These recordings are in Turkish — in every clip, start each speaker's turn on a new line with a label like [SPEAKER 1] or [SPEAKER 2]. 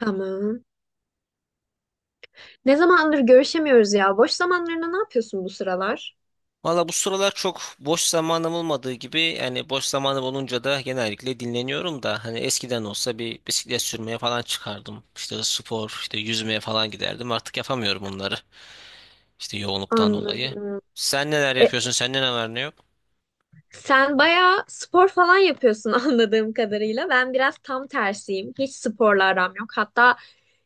[SPEAKER 1] Tamam. Ne zamandır görüşemiyoruz ya? Boş zamanlarında ne yapıyorsun bu sıralar?
[SPEAKER 2] Valla bu sıralar çok boş zamanım olmadığı gibi yani boş zamanım olunca da genellikle dinleniyorum da hani eskiden olsa bir bisiklet sürmeye falan çıkardım. İşte spor, işte yüzmeye falan giderdim. Artık yapamıyorum bunları. İşte yoğunluktan dolayı.
[SPEAKER 1] Anladım.
[SPEAKER 2] Sen neler
[SPEAKER 1] E,
[SPEAKER 2] yapıyorsun? Sende ne var ne yok?
[SPEAKER 1] Sen bayağı spor falan yapıyorsun anladığım kadarıyla. Ben biraz tam tersiyim. Hiç sporla aram yok. Hatta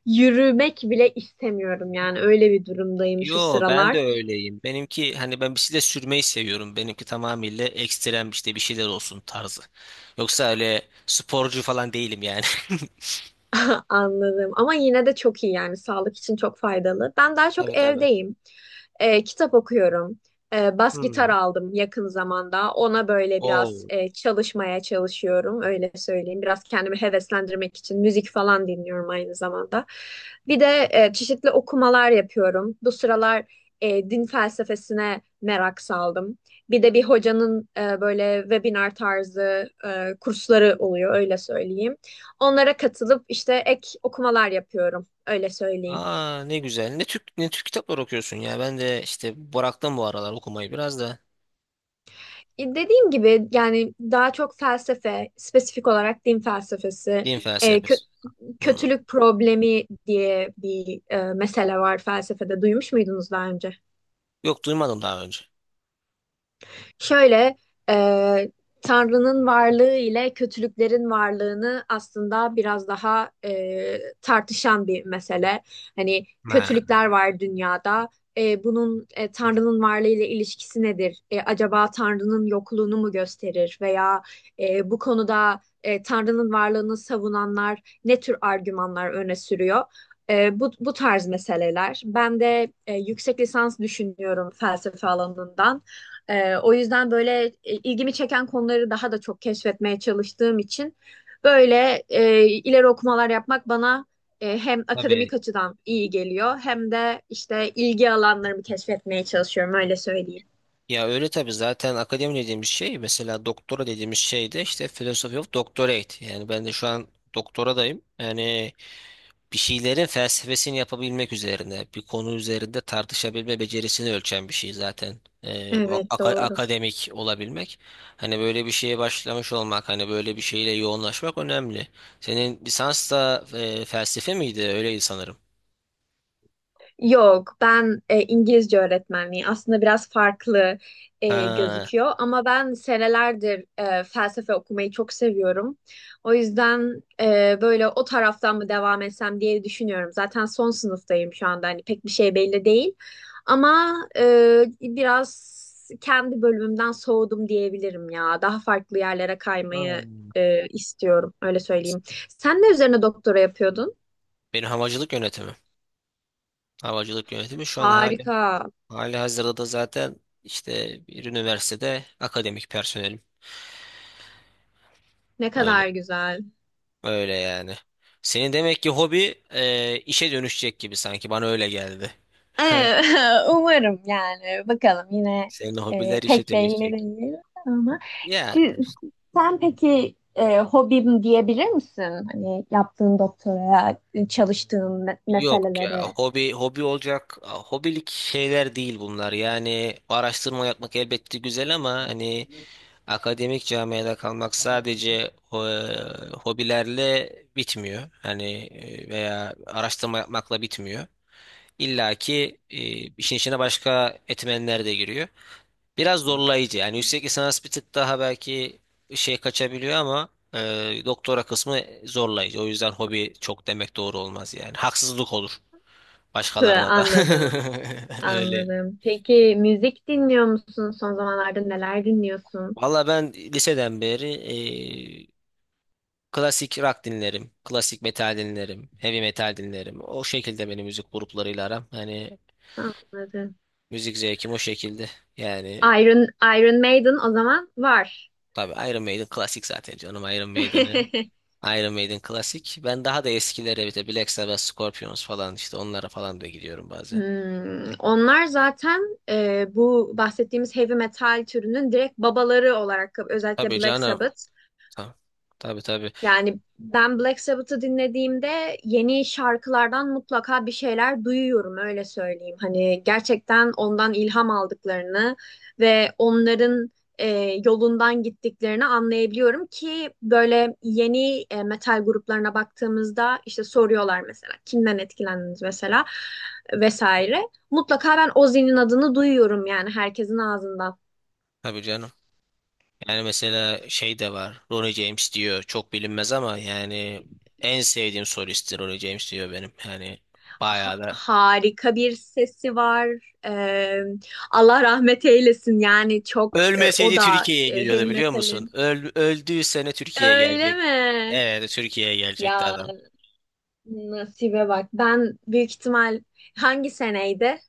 [SPEAKER 1] yürümek bile istemiyorum yani. Öyle bir durumdayım şu
[SPEAKER 2] Yo ben de
[SPEAKER 1] sıralar.
[SPEAKER 2] öyleyim. Benimki hani ben bisiklet sürmeyi seviyorum. Benimki tamamıyla ekstrem işte bir şeyler olsun tarzı. Yoksa öyle sporcu falan değilim yani.
[SPEAKER 1] Anladım. Ama yine de çok iyi yani. Sağlık için çok faydalı. Ben daha
[SPEAKER 2] Tabii
[SPEAKER 1] çok
[SPEAKER 2] tabii.
[SPEAKER 1] evdeyim. Kitap okuyorum. Bas gitar
[SPEAKER 2] Hmm.
[SPEAKER 1] aldım yakın zamanda. Ona böyle biraz
[SPEAKER 2] Oo.
[SPEAKER 1] çalışmaya çalışıyorum, öyle söyleyeyim. Biraz kendimi heveslendirmek için müzik falan dinliyorum aynı zamanda. Bir de çeşitli okumalar yapıyorum. Bu sıralar din felsefesine merak saldım. Bir de bir hocanın böyle webinar tarzı kursları oluyor, öyle söyleyeyim. Onlara katılıp işte ek okumalar yapıyorum, öyle söyleyeyim.
[SPEAKER 2] Aa ne güzel. Ne Türk kitaplar okuyorsun ya. Ben de işte bıraktım bu aralar okumayı biraz da.
[SPEAKER 1] Dediğim gibi yani daha çok felsefe, spesifik olarak din felsefesi,
[SPEAKER 2] Din
[SPEAKER 1] e, kö-
[SPEAKER 2] felsefesi. Hmm.
[SPEAKER 1] kötülük problemi diye bir mesele var felsefede. Duymuş muydunuz daha önce?
[SPEAKER 2] Yok duymadım daha önce.
[SPEAKER 1] Şöyle e, Tanrı'nın varlığı ile kötülüklerin varlığını aslında biraz daha tartışan bir mesele. Hani
[SPEAKER 2] Ha.
[SPEAKER 1] kötülükler var dünyada. Bunun Tanrı'nın varlığı ile ilişkisi nedir? Acaba Tanrı'nın yokluğunu mu gösterir? Veya bu konuda Tanrı'nın varlığını savunanlar ne tür argümanlar öne sürüyor? Bu tarz meseleler. Ben de yüksek lisans düşünüyorum felsefe alanından. O yüzden böyle ilgimi çeken konuları daha da çok keşfetmeye çalıştığım için böyle ileri okumalar yapmak bana hem
[SPEAKER 2] Tabii.
[SPEAKER 1] akademik açıdan iyi geliyor hem de işte ilgi alanlarımı keşfetmeye çalışıyorum, öyle söyleyeyim.
[SPEAKER 2] Ya öyle tabii zaten akademi dediğimiz şey mesela doktora dediğimiz şey de işte philosophy of doctorate. Yani ben de şu an doktoradayım. Yani bir şeylerin felsefesini yapabilmek üzerine, bir konu üzerinde tartışabilme becerisini ölçen bir şey zaten. Bu
[SPEAKER 1] Evet, doğru.
[SPEAKER 2] akademik olabilmek. Hani böyle bir şeye başlamış olmak, hani böyle bir şeyle yoğunlaşmak önemli. Senin lisans da felsefe miydi? Öyleydi sanırım.
[SPEAKER 1] Yok, ben İngilizce öğretmenliği aslında biraz farklı
[SPEAKER 2] Ha.
[SPEAKER 1] gözüküyor ama ben senelerdir felsefe okumayı çok seviyorum. O yüzden böyle o taraftan mı devam etsem diye düşünüyorum. Zaten son sınıftayım şu anda, hani pek bir şey belli değil ama biraz kendi bölümümden soğudum diyebilirim ya. Daha farklı yerlere kaymayı
[SPEAKER 2] Hmm.
[SPEAKER 1] istiyorum, öyle söyleyeyim. Sen ne üzerine doktora yapıyordun?
[SPEAKER 2] Benim havacılık yönetimi. Havacılık yönetimi şu an
[SPEAKER 1] Harika.
[SPEAKER 2] hali hazırda da zaten işte bir üniversitede akademik personelim.
[SPEAKER 1] Ne
[SPEAKER 2] Öyle.
[SPEAKER 1] kadar güzel.
[SPEAKER 2] Öyle yani. Senin demek ki hobi işe dönüşecek gibi sanki bana öyle geldi.
[SPEAKER 1] Umarım yani. Bakalım, yine
[SPEAKER 2] Senin hobiler işe
[SPEAKER 1] pek belli
[SPEAKER 2] dönüşecek.
[SPEAKER 1] değil ama
[SPEAKER 2] Ya
[SPEAKER 1] siz, sen peki hobim diyebilir misin? Hani yaptığın doktoraya, çalıştığın
[SPEAKER 2] yok ya
[SPEAKER 1] meselelere.
[SPEAKER 2] hobi olacak hobilik şeyler değil bunlar yani araştırma yapmak elbette güzel ama hani akademik camiada kalmak sadece hobilerle bitmiyor hani veya araştırma yapmakla bitmiyor. İlla ki işin içine başka etmenler de giriyor. Biraz zorlayıcı. Yani yüksek lisans bir tık daha belki şey kaçabiliyor ama doktora kısmı zorlayıcı. O yüzden hobi çok demek doğru olmaz yani. Haksızlık olur
[SPEAKER 1] Hı,
[SPEAKER 2] başkalarına da.
[SPEAKER 1] anladım,
[SPEAKER 2] Öyle.
[SPEAKER 1] anladım. Peki müzik dinliyor musun? Son zamanlarda neler dinliyorsun?
[SPEAKER 2] Valla ben liseden beri e, klasik rock dinlerim. Klasik metal dinlerim. Heavy metal dinlerim. O şekilde benim müzik gruplarıyla aram. Hani
[SPEAKER 1] Anladım.
[SPEAKER 2] müzik zevkim o şekilde. Yani
[SPEAKER 1] Iron, Iron Maiden o zaman var.
[SPEAKER 2] tabii Iron Maiden klasik zaten canım. Iron Maiden'ı, Iron Maiden klasik. Ben daha da eskilere bir de Black Sabbath, Scorpions falan işte onlara falan da gidiyorum bazen.
[SPEAKER 1] Hmm, onlar zaten bu bahsettiğimiz heavy metal türünün direkt babaları, olarak özellikle
[SPEAKER 2] Tabii
[SPEAKER 1] Black
[SPEAKER 2] canım.
[SPEAKER 1] Sabbath.
[SPEAKER 2] Ta- Tabii tabii.
[SPEAKER 1] Yani ben Black Sabbath'ı dinlediğimde yeni şarkılardan mutlaka bir şeyler duyuyorum, öyle söyleyeyim. Hani gerçekten ondan ilham aldıklarını ve onların e, yolundan gittiklerini anlayabiliyorum ki böyle yeni metal gruplarına baktığımızda işte soruyorlar, mesela kimden etkilendiniz mesela vesaire. Mutlaka ben Ozzy'nin adını duyuyorum, yani herkesin ağzından.
[SPEAKER 2] Tabii canım. Yani mesela şey de var. Ronnie James diyor. Çok bilinmez ama yani en sevdiğim solisttir Ronnie James diyor benim. Yani bayağı da.
[SPEAKER 1] Harika bir sesi var. Ee, Allah rahmet eylesin. Yani çok o
[SPEAKER 2] Ölmeseydi
[SPEAKER 1] da
[SPEAKER 2] Türkiye'ye
[SPEAKER 1] heavy
[SPEAKER 2] geliyordu biliyor musun?
[SPEAKER 1] metalin.
[SPEAKER 2] Öldüğü sene Türkiye'ye
[SPEAKER 1] Öyle
[SPEAKER 2] gelecek.
[SPEAKER 1] mi?
[SPEAKER 2] Evet Türkiye'ye gelecekti
[SPEAKER 1] Ya,
[SPEAKER 2] adam.
[SPEAKER 1] nasibe bak. Ben büyük ihtimal hangi seneydi?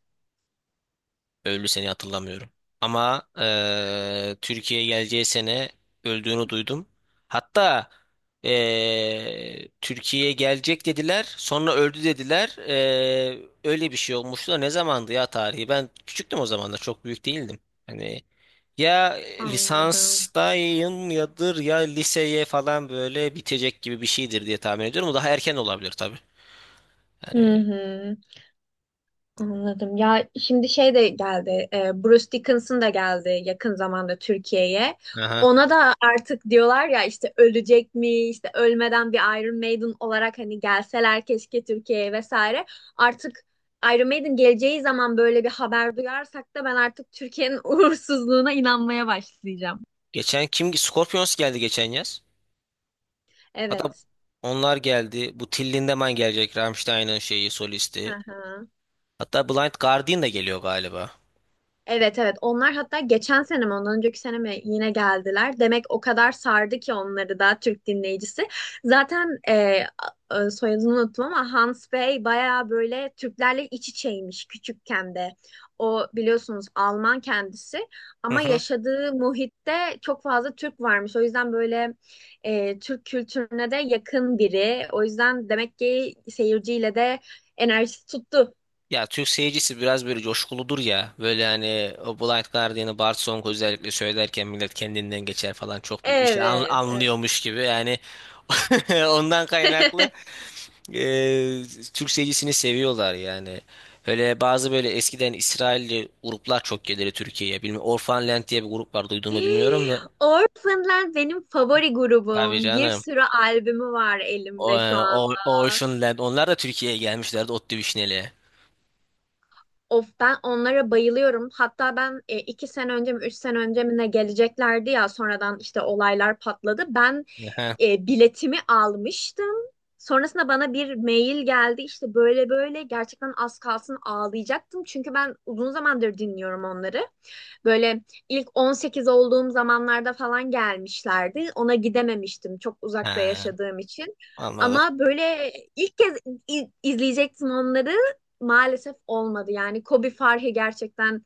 [SPEAKER 2] Öldü seni hatırlamıyorum. Ama Türkiye'ye geleceği sene öldüğünü duydum. Hatta Türkiye'ye gelecek dediler. Sonra öldü dediler. Öyle bir şey olmuştu da ne zamandı ya tarihi? Ben küçüktüm o zamanlar. Çok büyük değildim. Hani ya
[SPEAKER 1] Anladım.
[SPEAKER 2] lisanstayım yadır ya liseye falan böyle bitecek gibi bir şeydir diye tahmin ediyorum. O daha erken olabilir tabii.
[SPEAKER 1] Hı
[SPEAKER 2] Yani
[SPEAKER 1] hı. Anladım. Ya şimdi şey de geldi. Bruce Dickinson da geldi yakın zamanda Türkiye'ye.
[SPEAKER 2] aha.
[SPEAKER 1] Ona da artık diyorlar ya işte ölecek mi, işte ölmeden bir Iron Maiden olarak hani gelseler keşke Türkiye'ye vesaire. Artık Iron Maiden geleceği zaman böyle bir haber duyarsak da ben artık Türkiye'nin uğursuzluğuna inanmaya başlayacağım.
[SPEAKER 2] Geçen kim? Scorpions geldi geçen yaz. Hatta
[SPEAKER 1] Evet.
[SPEAKER 2] onlar geldi. Bu Till Lindemann gelecek. Rammstein'ın şeyi solisti.
[SPEAKER 1] Aha.
[SPEAKER 2] Hatta Blind Guardian da geliyor galiba.
[SPEAKER 1] Evet, evet, onlar hatta geçen sene mi ondan önceki sene mi yine geldiler. Demek o kadar sardı ki onları da Türk dinleyicisi. Zaten soyadını unuttum ama Hans Bey bayağı böyle Türklerle iç içeymiş küçükken de. O biliyorsunuz Alman kendisi
[SPEAKER 2] Hı
[SPEAKER 1] ama
[SPEAKER 2] hı.
[SPEAKER 1] yaşadığı muhitte çok fazla Türk varmış. O yüzden böyle Türk kültürüne de yakın biri. O yüzden demek ki seyirciyle de enerjisi tuttu.
[SPEAKER 2] Ya Türk seyircisi biraz böyle coşkuludur ya. Böyle hani o Blind Guardian'ı Bart Song özellikle söylerken millet kendinden geçer falan çok bir şey
[SPEAKER 1] Evet, evet.
[SPEAKER 2] anlıyormuş gibi. Yani ondan kaynaklı e, Türk seyircisini seviyorlar yani. Öyle bazı böyle eskiden İsrailli gruplar çok gelirdi Türkiye'ye. Bilmiyorum Orphan Land diye bir grup var duydun mu bilmiyorum da.
[SPEAKER 1] Orphanland benim favori
[SPEAKER 2] Tabii
[SPEAKER 1] grubum. Bir
[SPEAKER 2] canım.
[SPEAKER 1] sürü albümü var elimde şu anda.
[SPEAKER 2] Ocean Land. Onlar da Türkiye'ye gelmişlerdi Otlu Vişneli'ye.
[SPEAKER 1] Of, ben onlara bayılıyorum. Hatta ben iki sene önce mi üç sene önce mi ne geleceklerdi ya, sonradan işte olaylar patladı. Ben
[SPEAKER 2] Aha.
[SPEAKER 1] biletimi almıştım. Sonrasında bana bir mail geldi, işte böyle böyle, gerçekten az kalsın ağlayacaktım. Çünkü ben uzun zamandır dinliyorum onları. Böyle ilk 18 olduğum zamanlarda falan gelmişlerdi. Ona gidememiştim, çok uzakta
[SPEAKER 2] Ha,
[SPEAKER 1] yaşadığım için.
[SPEAKER 2] anladım.
[SPEAKER 1] Ama böyle ilk kez izleyecektim onları, maalesef olmadı. Yani Kobe Farhi gerçekten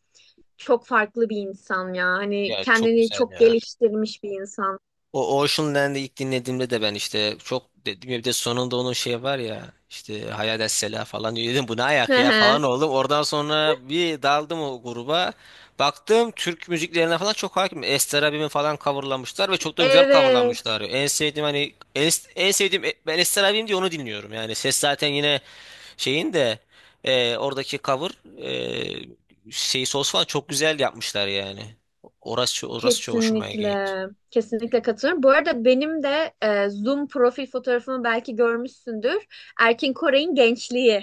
[SPEAKER 1] çok farklı bir insan ya. Hani
[SPEAKER 2] Ya çok
[SPEAKER 1] kendini
[SPEAKER 2] güzel
[SPEAKER 1] çok
[SPEAKER 2] ya.
[SPEAKER 1] geliştirmiş bir insan.
[SPEAKER 2] O Ocean Land'i ilk dinlediğimde de ben işte çok dedim ya bir de sonunda onun şey var ya işte Hayal Sela falan diyor. Dedim bu ne
[SPEAKER 1] Hı
[SPEAKER 2] ayak ya
[SPEAKER 1] hı.
[SPEAKER 2] falan oldum. Oradan sonra bir daldım o gruba. Baktım Türk müziklerine falan çok hakim. Ester abimi falan coverlamışlar ve çok da güzel coverlamışlar.
[SPEAKER 1] Evet,
[SPEAKER 2] En sevdiğim ben Ester abim diye onu dinliyorum. Yani ses zaten yine Şeyin de oradaki cover şey sos falan çok güzel yapmışlar yani. Orası çok hoşuma gitti.
[SPEAKER 1] kesinlikle. Kesinlikle katılıyorum. Bu arada benim de Zoom profil fotoğrafımı belki görmüşsündür. Erkin Koray'ın gençliği.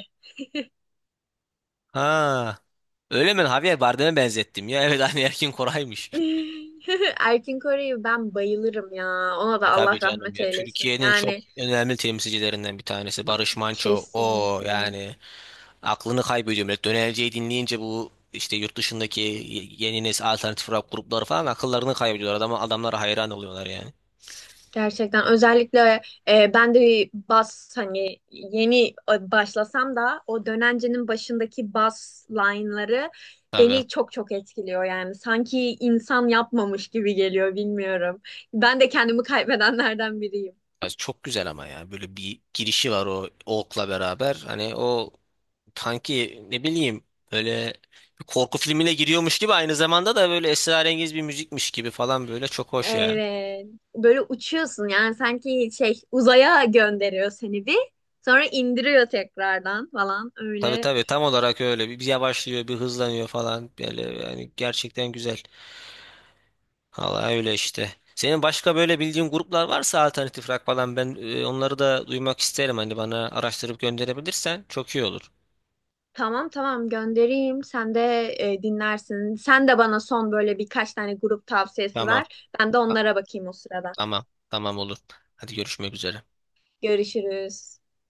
[SPEAKER 2] Ha. Öyle mi? Javier Bardem'e benzettim ya. Evet aynı Erkin Koray'mış.
[SPEAKER 1] Erkin Koray'ı ben bayılırım ya. Ona da
[SPEAKER 2] E tabii
[SPEAKER 1] Allah
[SPEAKER 2] canım
[SPEAKER 1] rahmet
[SPEAKER 2] ya.
[SPEAKER 1] eylesin.
[SPEAKER 2] Türkiye'nin çok
[SPEAKER 1] Yani
[SPEAKER 2] önemli temsilcilerinden bir tanesi. Barış Manço. O
[SPEAKER 1] kesinlikle.
[SPEAKER 2] yani aklını kaybediyor millet. Dönerceyi dinleyince bu işte yurt dışındaki yeni nesil alternatif rock grupları falan akıllarını kaybediyorlar. Adamlara hayran oluyorlar yani.
[SPEAKER 1] Gerçekten özellikle ben de bas, hani yeni başlasam da o dönencenin başındaki bas line'ları
[SPEAKER 2] Tabii.
[SPEAKER 1] beni çok çok etkiliyor yani. Sanki insan yapmamış gibi geliyor, bilmiyorum. Ben de kendimi kaybedenlerden biriyim.
[SPEAKER 2] Ya çok güzel ama ya böyle bir girişi var o Oak'la beraber hani o sanki ne bileyim böyle bir korku filmine giriyormuş gibi aynı zamanda da böyle esrarengiz bir müzikmiş gibi falan böyle çok hoş yani.
[SPEAKER 1] Evet. Böyle uçuyorsun yani, sanki şey, uzaya gönderiyor seni, bir sonra indiriyor tekrardan falan,
[SPEAKER 2] Tabii
[SPEAKER 1] öyle.
[SPEAKER 2] tabii tam olarak öyle bir yavaşlıyor bir hızlanıyor falan böyle yani gerçekten güzel. Vallahi öyle işte. Senin başka böyle bildiğin gruplar varsa alternatif rock falan ben onları da duymak isterim hani bana araştırıp gönderebilirsen çok iyi olur.
[SPEAKER 1] Tamam, tamam, göndereyim. Sen de dinlersin. Sen de bana son böyle birkaç tane grup tavsiyesi
[SPEAKER 2] Tamam
[SPEAKER 1] ver. Ben de
[SPEAKER 2] tamam
[SPEAKER 1] onlara bakayım o sırada.
[SPEAKER 2] Tamam, olur. Hadi görüşmek üzere.
[SPEAKER 1] Görüşürüz.